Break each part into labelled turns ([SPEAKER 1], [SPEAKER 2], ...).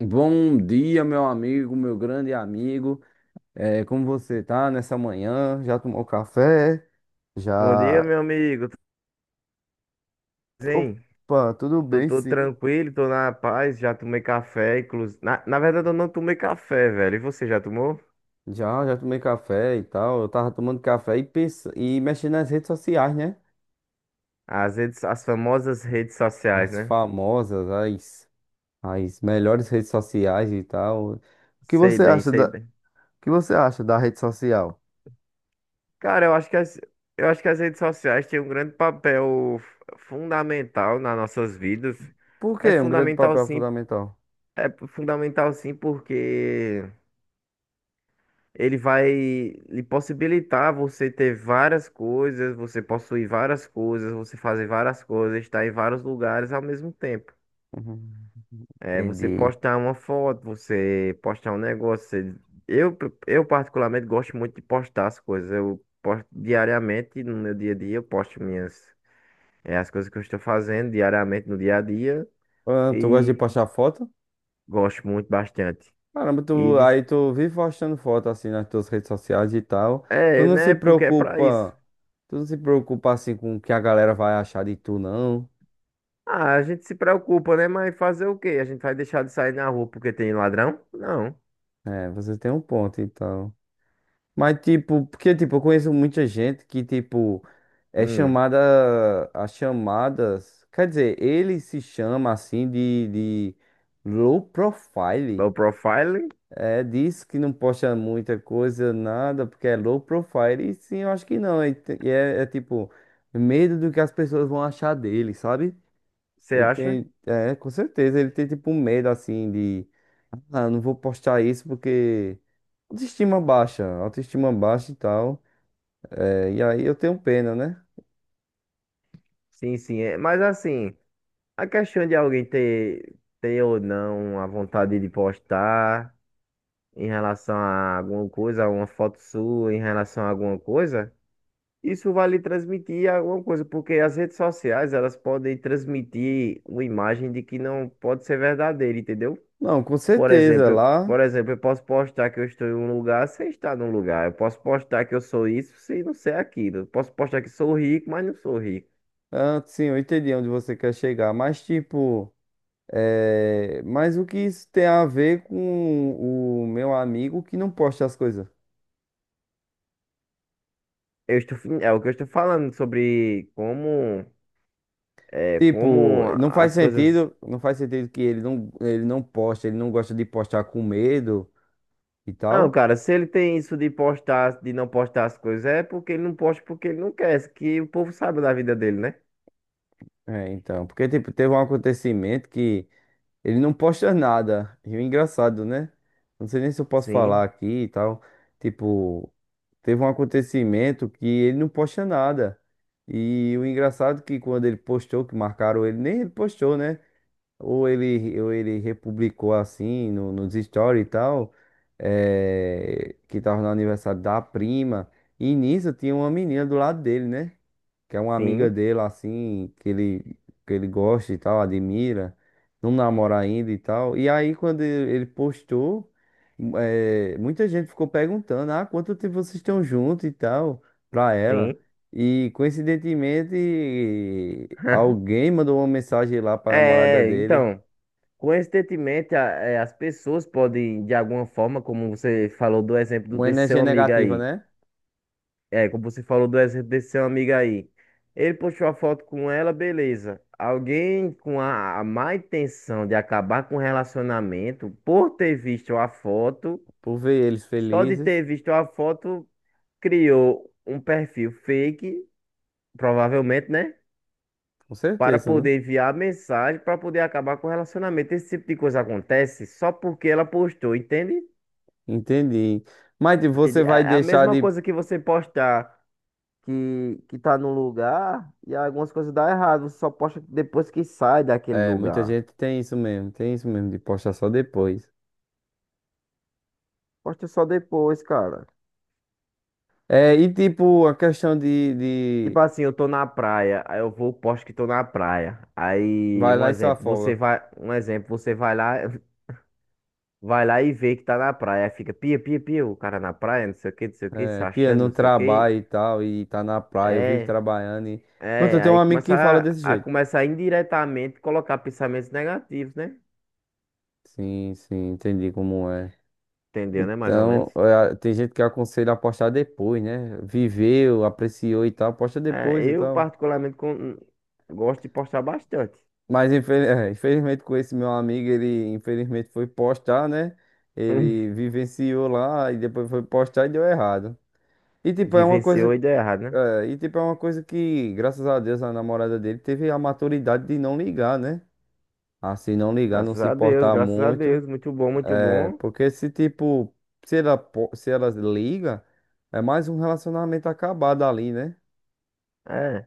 [SPEAKER 1] Bom dia, meu amigo, meu grande amigo. Como você tá nessa manhã? Já tomou café?
[SPEAKER 2] Bom dia,
[SPEAKER 1] Já.
[SPEAKER 2] meu amigo. Tudo bem?
[SPEAKER 1] Opa, tudo
[SPEAKER 2] Tô,
[SPEAKER 1] bem,
[SPEAKER 2] tô
[SPEAKER 1] sim.
[SPEAKER 2] tranquilo, tô na paz, já tomei café, inclusive. Na verdade, eu não tomei café, velho. E você já tomou?
[SPEAKER 1] Já, tomei café e tal. Eu tava tomando café e mexendo nas redes sociais, né?
[SPEAKER 2] As redes, as famosas redes sociais,
[SPEAKER 1] As
[SPEAKER 2] né?
[SPEAKER 1] famosas, as melhores redes sociais e tal.
[SPEAKER 2] Sei bem, sei
[SPEAKER 1] O
[SPEAKER 2] bem.
[SPEAKER 1] que você acha da rede social?
[SPEAKER 2] Cara, eu acho que as redes sociais têm um grande papel fundamental nas nossas vidas.
[SPEAKER 1] Por
[SPEAKER 2] É
[SPEAKER 1] quê? Um grande
[SPEAKER 2] fundamental
[SPEAKER 1] papel
[SPEAKER 2] sim,
[SPEAKER 1] fundamental.
[SPEAKER 2] é fundamental sim, porque ele vai lhe possibilitar você ter várias coisas, você possuir várias coisas, você fazer várias coisas, estar em vários lugares ao mesmo tempo.
[SPEAKER 1] Uhum.
[SPEAKER 2] É, você
[SPEAKER 1] Entendi.
[SPEAKER 2] postar uma foto, você postar um negócio. Eu, eu particularmente gosto muito de postar as coisas. Eu posto diariamente no meu dia a dia, eu posto minhas, é, as coisas que eu estou fazendo diariamente no dia a dia
[SPEAKER 1] Ah, tu gosta de
[SPEAKER 2] e
[SPEAKER 1] postar foto?
[SPEAKER 2] gosto muito bastante.
[SPEAKER 1] Caramba,
[SPEAKER 2] E
[SPEAKER 1] tu,
[SPEAKER 2] diz-
[SPEAKER 1] aí tu vive postando foto assim nas tuas redes sociais e tal. Tu não se
[SPEAKER 2] né? Porque é pra isso.
[SPEAKER 1] preocupa, Tu não se preocupa assim com o que a galera vai achar de tu, não.
[SPEAKER 2] Ah, a gente se preocupa, né? Mas fazer o quê? A gente vai deixar de sair na rua porque tem ladrão? Não.
[SPEAKER 1] É, você tem um ponto, então. Mas tipo, porque tipo, eu conheço muita gente que tipo é
[SPEAKER 2] Hum.
[SPEAKER 1] chamada as chamadas, quer dizer, ele se chama assim de low profile.
[SPEAKER 2] O profiling,
[SPEAKER 1] É, diz que não posta muita coisa, nada, porque é low profile. E sim, eu acho que não. E é tipo, medo do que as pessoas vão achar dele, sabe?
[SPEAKER 2] você
[SPEAKER 1] Ele
[SPEAKER 2] acha?
[SPEAKER 1] tem, é, com certeza, ele tem tipo um medo assim de, ah, não vou postar isso porque autoestima baixa e tal. É, e aí eu tenho pena, né?
[SPEAKER 2] Sim, sim. É. Mas assim, a questão de alguém ter, ter ou não a vontade de postar em relação a alguma coisa, uma foto sua em relação a alguma coisa, isso vai lhe transmitir alguma coisa, porque as redes sociais, elas podem transmitir uma imagem de que não pode ser verdadeira, entendeu?
[SPEAKER 1] Não, com certeza,
[SPEAKER 2] Por
[SPEAKER 1] lá,
[SPEAKER 2] exemplo, eu posso postar que eu estou em um lugar sem estar num lugar. Eu posso postar que eu sou isso sem não ser aquilo. Eu posso postar que sou rico, mas não sou rico.
[SPEAKER 1] ah, sim, eu entendi onde você quer chegar, mas tipo. É, mas o que isso tem a ver com o meu amigo que não posta as coisas?
[SPEAKER 2] Eu estou, fin- é o que eu estou falando sobre como, é, como
[SPEAKER 1] Tipo,
[SPEAKER 2] as coisas.
[SPEAKER 1] não faz sentido que ele não posta, ele não gosta de postar com medo e
[SPEAKER 2] Não,
[SPEAKER 1] tal.
[SPEAKER 2] cara, se ele tem isso de postar, de não postar as coisas, é porque ele não posta porque ele não quer, que o povo sabe da vida dele, né?
[SPEAKER 1] É, então, porque tipo, teve um acontecimento que ele não posta nada. E o engraçado, né? Não sei nem se eu posso falar
[SPEAKER 2] Sim,
[SPEAKER 1] aqui e tal. Tipo, teve um acontecimento que ele não posta nada. E o engraçado é que quando ele postou, que marcaram ele, nem ele postou, né? Ou ele republicou assim no, nos stories e tal, que tava no aniversário da prima. E nisso tinha uma menina do lado dele, né? Que é uma amiga
[SPEAKER 2] sim,
[SPEAKER 1] dele, assim, que ele gosta e tal, admira, não namora ainda e tal. E aí, quando ele postou, muita gente ficou perguntando: ah, quanto tempo vocês estão juntos e tal, pra ela.
[SPEAKER 2] sim.
[SPEAKER 1] E coincidentemente, alguém mandou uma mensagem lá pra namorada
[SPEAKER 2] É,
[SPEAKER 1] dele.
[SPEAKER 2] então. Coincidentemente, as pessoas podem, de alguma forma, como você falou do exemplo do-
[SPEAKER 1] Uma
[SPEAKER 2] desse seu
[SPEAKER 1] energia
[SPEAKER 2] amigo
[SPEAKER 1] negativa,
[SPEAKER 2] aí,
[SPEAKER 1] né?
[SPEAKER 2] é, como você falou do exemplo desse seu amigo aí, ele postou a foto com ela, beleza. Alguém com a má intenção de acabar com o relacionamento, por ter visto a foto,
[SPEAKER 1] Por ver eles
[SPEAKER 2] só de ter
[SPEAKER 1] felizes,
[SPEAKER 2] visto a foto, criou um perfil fake, provavelmente, né?
[SPEAKER 1] com
[SPEAKER 2] Para
[SPEAKER 1] certeza, né?
[SPEAKER 2] poder enviar a mensagem, para poder acabar com o relacionamento. Esse tipo de coisa acontece só porque ela postou, entende?
[SPEAKER 1] Entendi. Mas tipo, você
[SPEAKER 2] Entendi. É
[SPEAKER 1] vai
[SPEAKER 2] é a
[SPEAKER 1] deixar
[SPEAKER 2] mesma
[SPEAKER 1] de.
[SPEAKER 2] coisa que que tá num lugar e algumas coisas dá errado. Você só posta depois que sai daquele
[SPEAKER 1] É, muita
[SPEAKER 2] lugar.
[SPEAKER 1] gente tem isso mesmo, de postar só depois.
[SPEAKER 2] Posta só depois, cara.
[SPEAKER 1] É, e tipo, a questão
[SPEAKER 2] Tipo
[SPEAKER 1] de...
[SPEAKER 2] assim, eu tô na praia, aí eu vou, posto que tô na praia. Aí,
[SPEAKER 1] vai lá e se afoga.
[SPEAKER 2] um exemplo, você vai lá, vai lá e vê que tá na praia. Aí fica pia, pia, pia, o cara na praia, não sei o que, não sei o que, se
[SPEAKER 1] É, pia,
[SPEAKER 2] achando,
[SPEAKER 1] não
[SPEAKER 2] não sei o
[SPEAKER 1] trabalha
[SPEAKER 2] que.
[SPEAKER 1] e tal, e tá na praia, eu vivo
[SPEAKER 2] É,
[SPEAKER 1] trabalhando e. Pronto, eu tenho um amigo que fala desse
[SPEAKER 2] a
[SPEAKER 1] jeito.
[SPEAKER 2] começar indiretamente colocar pensamentos negativos, né?
[SPEAKER 1] Sim, sim, entendi como é.
[SPEAKER 2] Entendeu, né? Mais ou
[SPEAKER 1] Então,
[SPEAKER 2] menos.
[SPEAKER 1] é, tem gente que aconselha a postar depois, né? Viveu, apreciou e tal, posta
[SPEAKER 2] É,
[SPEAKER 1] depois e
[SPEAKER 2] eu
[SPEAKER 1] tal.
[SPEAKER 2] particularmente con- gosto de postar bastante.
[SPEAKER 1] Mas infelizmente com esse meu amigo, ele infelizmente foi postar, né?
[SPEAKER 2] Hum,
[SPEAKER 1] Ele vivenciou lá e depois foi postar e deu errado. E tipo, é uma
[SPEAKER 2] vivenciou
[SPEAKER 1] coisa,
[SPEAKER 2] e deu errado, né?
[SPEAKER 1] É, e tipo, é uma coisa que, graças a Deus, a namorada dele teve a maturidade de não ligar, né? Assim, não ligar, não
[SPEAKER 2] Graças
[SPEAKER 1] se
[SPEAKER 2] a Deus,
[SPEAKER 1] importar
[SPEAKER 2] graças a
[SPEAKER 1] muito.
[SPEAKER 2] Deus. Muito bom, muito
[SPEAKER 1] É,
[SPEAKER 2] bom.
[SPEAKER 1] porque se tipo, se ela liga, é mais um relacionamento acabado ali, né?
[SPEAKER 2] É,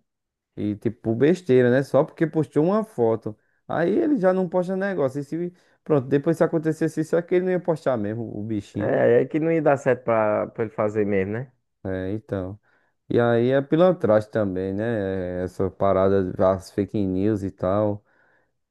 [SPEAKER 1] E tipo, besteira, né? Só porque postou uma foto. Aí ele já não posta negócio. E se, Pronto, depois se acontecesse isso aqui, ele não ia postar mesmo, o bichinho.
[SPEAKER 2] é que não ia dar certo pra ele fazer mesmo, né?
[SPEAKER 1] É, então. E aí é pilantragem também, né? É, essa parada, as fake news e tal.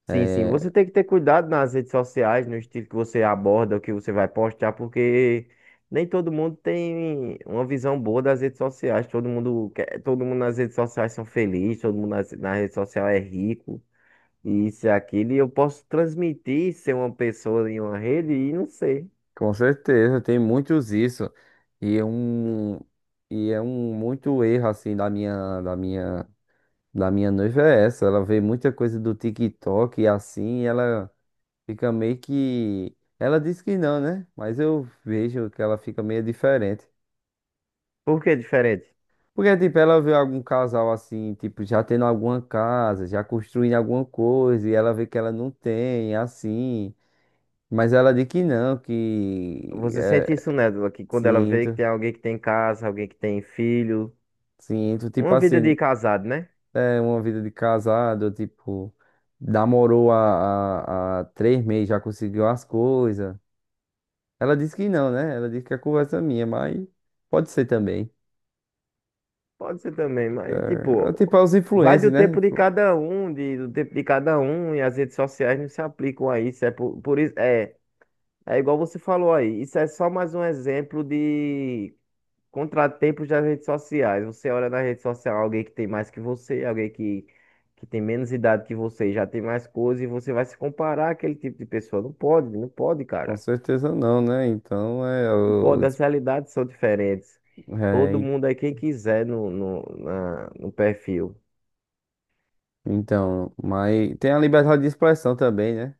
[SPEAKER 2] Sim, sim.
[SPEAKER 1] É,
[SPEAKER 2] Você tem que ter cuidado nas redes sociais, no estilo que você aborda, o que você vai postar, porque nem todo mundo tem uma visão boa das redes sociais. Todo mundo quer, todo mundo nas redes sociais são felizes, na rede social é rico. Isso e aquilo, e eu posso transmitir ser uma pessoa em uma rede e não ser.
[SPEAKER 1] com certeza, tem muitos isso. E é um, e é um muito erro, assim, da minha noiva é essa. Ela vê muita coisa do TikTok e assim, e ela. Fica meio que. Ela disse que não, né? Mas eu vejo que ela fica meio diferente.
[SPEAKER 2] Por que é diferente?
[SPEAKER 1] Porque, tipo, ela vê algum casal assim, tipo, já tendo alguma casa, já construindo alguma coisa, e ela vê que ela não tem, assim. Mas ela diz que não, que.
[SPEAKER 2] Você sente isso
[SPEAKER 1] É,
[SPEAKER 2] nela, que quando ela vê que
[SPEAKER 1] sinto,
[SPEAKER 2] tem alguém que tem casa, alguém que tem filho,
[SPEAKER 1] sinto. Tipo
[SPEAKER 2] uma vida
[SPEAKER 1] assim,
[SPEAKER 2] de casado, né?
[SPEAKER 1] é uma vida de casado, tipo, namorou há 3 meses, já conseguiu as coisas. Ela disse que não, né? Ela disse que é conversa minha, mas pode ser também.
[SPEAKER 2] Pode ser também, mas
[SPEAKER 1] É, é tipo,
[SPEAKER 2] tipo,
[SPEAKER 1] aos
[SPEAKER 2] vai
[SPEAKER 1] influencers,
[SPEAKER 2] do
[SPEAKER 1] né?
[SPEAKER 2] tempo de
[SPEAKER 1] Tipo,
[SPEAKER 2] cada um, de, do tempo de cada um, e as redes sociais não se aplicam a isso. É igual você falou aí, isso é só mais um exemplo de contratempos das redes sociais. Você olha na rede social alguém que tem mais que você, que tem menos idade que você, e já tem mais coisas, e você vai se comparar àquele tipo de pessoa. Não pode, não pode,
[SPEAKER 1] com
[SPEAKER 2] cara.
[SPEAKER 1] certeza não, né? Então, é,
[SPEAKER 2] Não
[SPEAKER 1] o
[SPEAKER 2] pode, as realidades são diferentes. Todo
[SPEAKER 1] é,
[SPEAKER 2] mundo é quem quiser no perfil.
[SPEAKER 1] então, mas tem a liberdade de expressão também, né?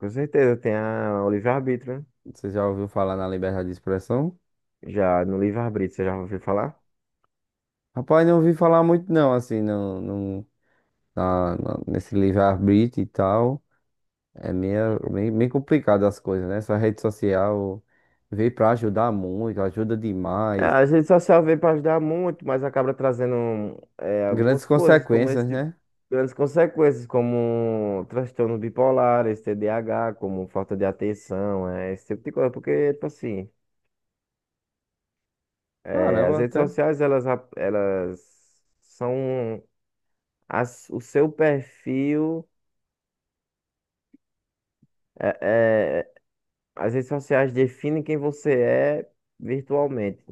[SPEAKER 2] Com certeza, tem o livre-arbítrio, né?
[SPEAKER 1] Você já ouviu falar na liberdade de expressão?
[SPEAKER 2] Já no livre-arbítrio, você já ouviu falar?
[SPEAKER 1] Rapaz, não ouvi falar muito não, assim, não, não, na- na- nesse livre-arbítrio e tal. É meio complicado as coisas, né? Essa rede social veio pra ajudar muito, ajuda demais.
[SPEAKER 2] Ah, a rede social veio para ajudar muito, mas acaba trazendo
[SPEAKER 1] Grandes
[SPEAKER 2] algumas coisas, como
[SPEAKER 1] consequências,
[SPEAKER 2] esse tipo,
[SPEAKER 1] né?
[SPEAKER 2] grandes consequências, como transtornos bipolares, TDAH, como falta de atenção, esse tipo de coisa. Porque, tipo assim, eh, as
[SPEAKER 1] Caramba,
[SPEAKER 2] redes
[SPEAKER 1] até.
[SPEAKER 2] sociais, elas, ap- elas são as, o seu perfil, eh, eh, as redes sociais definem quem você é virtualmente.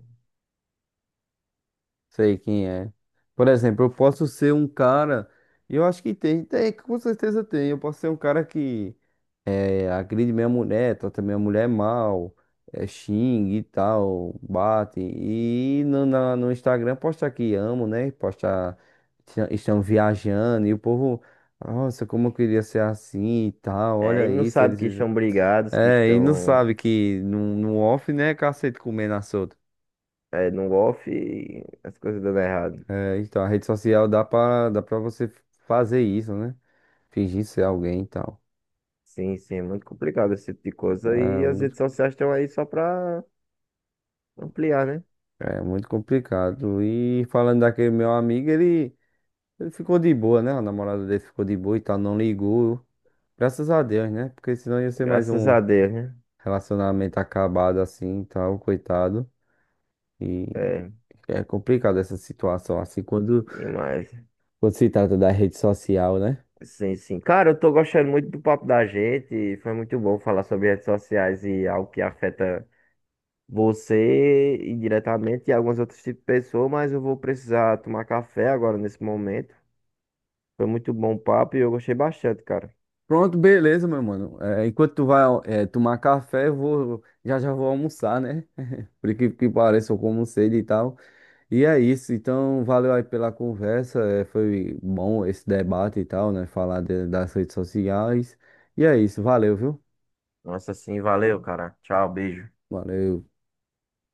[SPEAKER 1] Sei quem é. Por exemplo, eu posso ser um cara. Eu acho que com certeza tem. Eu posso ser um cara que é, agride minha mulher, trata minha mulher mal, é, xingue e tal, bate. No Instagram postar que amo, né? Postar estão viajando e o povo, nossa, como eu queria ser assim e tal.
[SPEAKER 2] Eh, e
[SPEAKER 1] Olha
[SPEAKER 2] não
[SPEAKER 1] isso,
[SPEAKER 2] sabe
[SPEAKER 1] eles
[SPEAKER 2] que
[SPEAKER 1] vivem.
[SPEAKER 2] estão brigados,
[SPEAKER 1] É, e não sabe que no off, né, cacete comendo a solta.
[SPEAKER 2] no off e as coisas dando errado.
[SPEAKER 1] É, então, a rede social dá pra você fazer isso, né? Fingir ser alguém e tal.
[SPEAKER 2] Sim, sim, é muito complicado esse tipo de coisa.
[SPEAKER 1] É
[SPEAKER 2] E as
[SPEAKER 1] muito,
[SPEAKER 2] redes sociais estão aí só pra ampliar, né?
[SPEAKER 1] É muito complicado. E falando daquele meu amigo, ele ficou de boa, né? A namorada dele ficou de boa e tal, não ligou. Graças a Deus, né? Porque senão ia ser mais
[SPEAKER 2] Graças
[SPEAKER 1] um
[SPEAKER 2] a Deus, né?
[SPEAKER 1] relacionamento acabado assim e tal, coitado. E
[SPEAKER 2] É,
[SPEAKER 1] é complicado essa situação, assim, quando,
[SPEAKER 2] e mais.
[SPEAKER 1] quando se trata da rede social, né?
[SPEAKER 2] Sim, sim. Cara, eu tô gostando muito do papo da gente. Foi muito bom falar sobre redes sociais e algo que afeta você indiretamente e alguns outros tipos de pessoas, mas eu vou precisar tomar café agora nesse momento. Foi muito bom o papo e eu gostei bastante, cara.
[SPEAKER 1] Pronto, beleza, meu mano. É, enquanto tu vai, é, tomar café, eu vou, já vou almoçar, né? Por incrível que pareça, eu como sede e tal. E é isso, então valeu aí pela conversa, foi bom esse debate e tal, né? Das redes sociais. E é isso, valeu, viu?
[SPEAKER 2] Nossa, sim, valeu, cara. Tchau, beijo.
[SPEAKER 1] Valeu.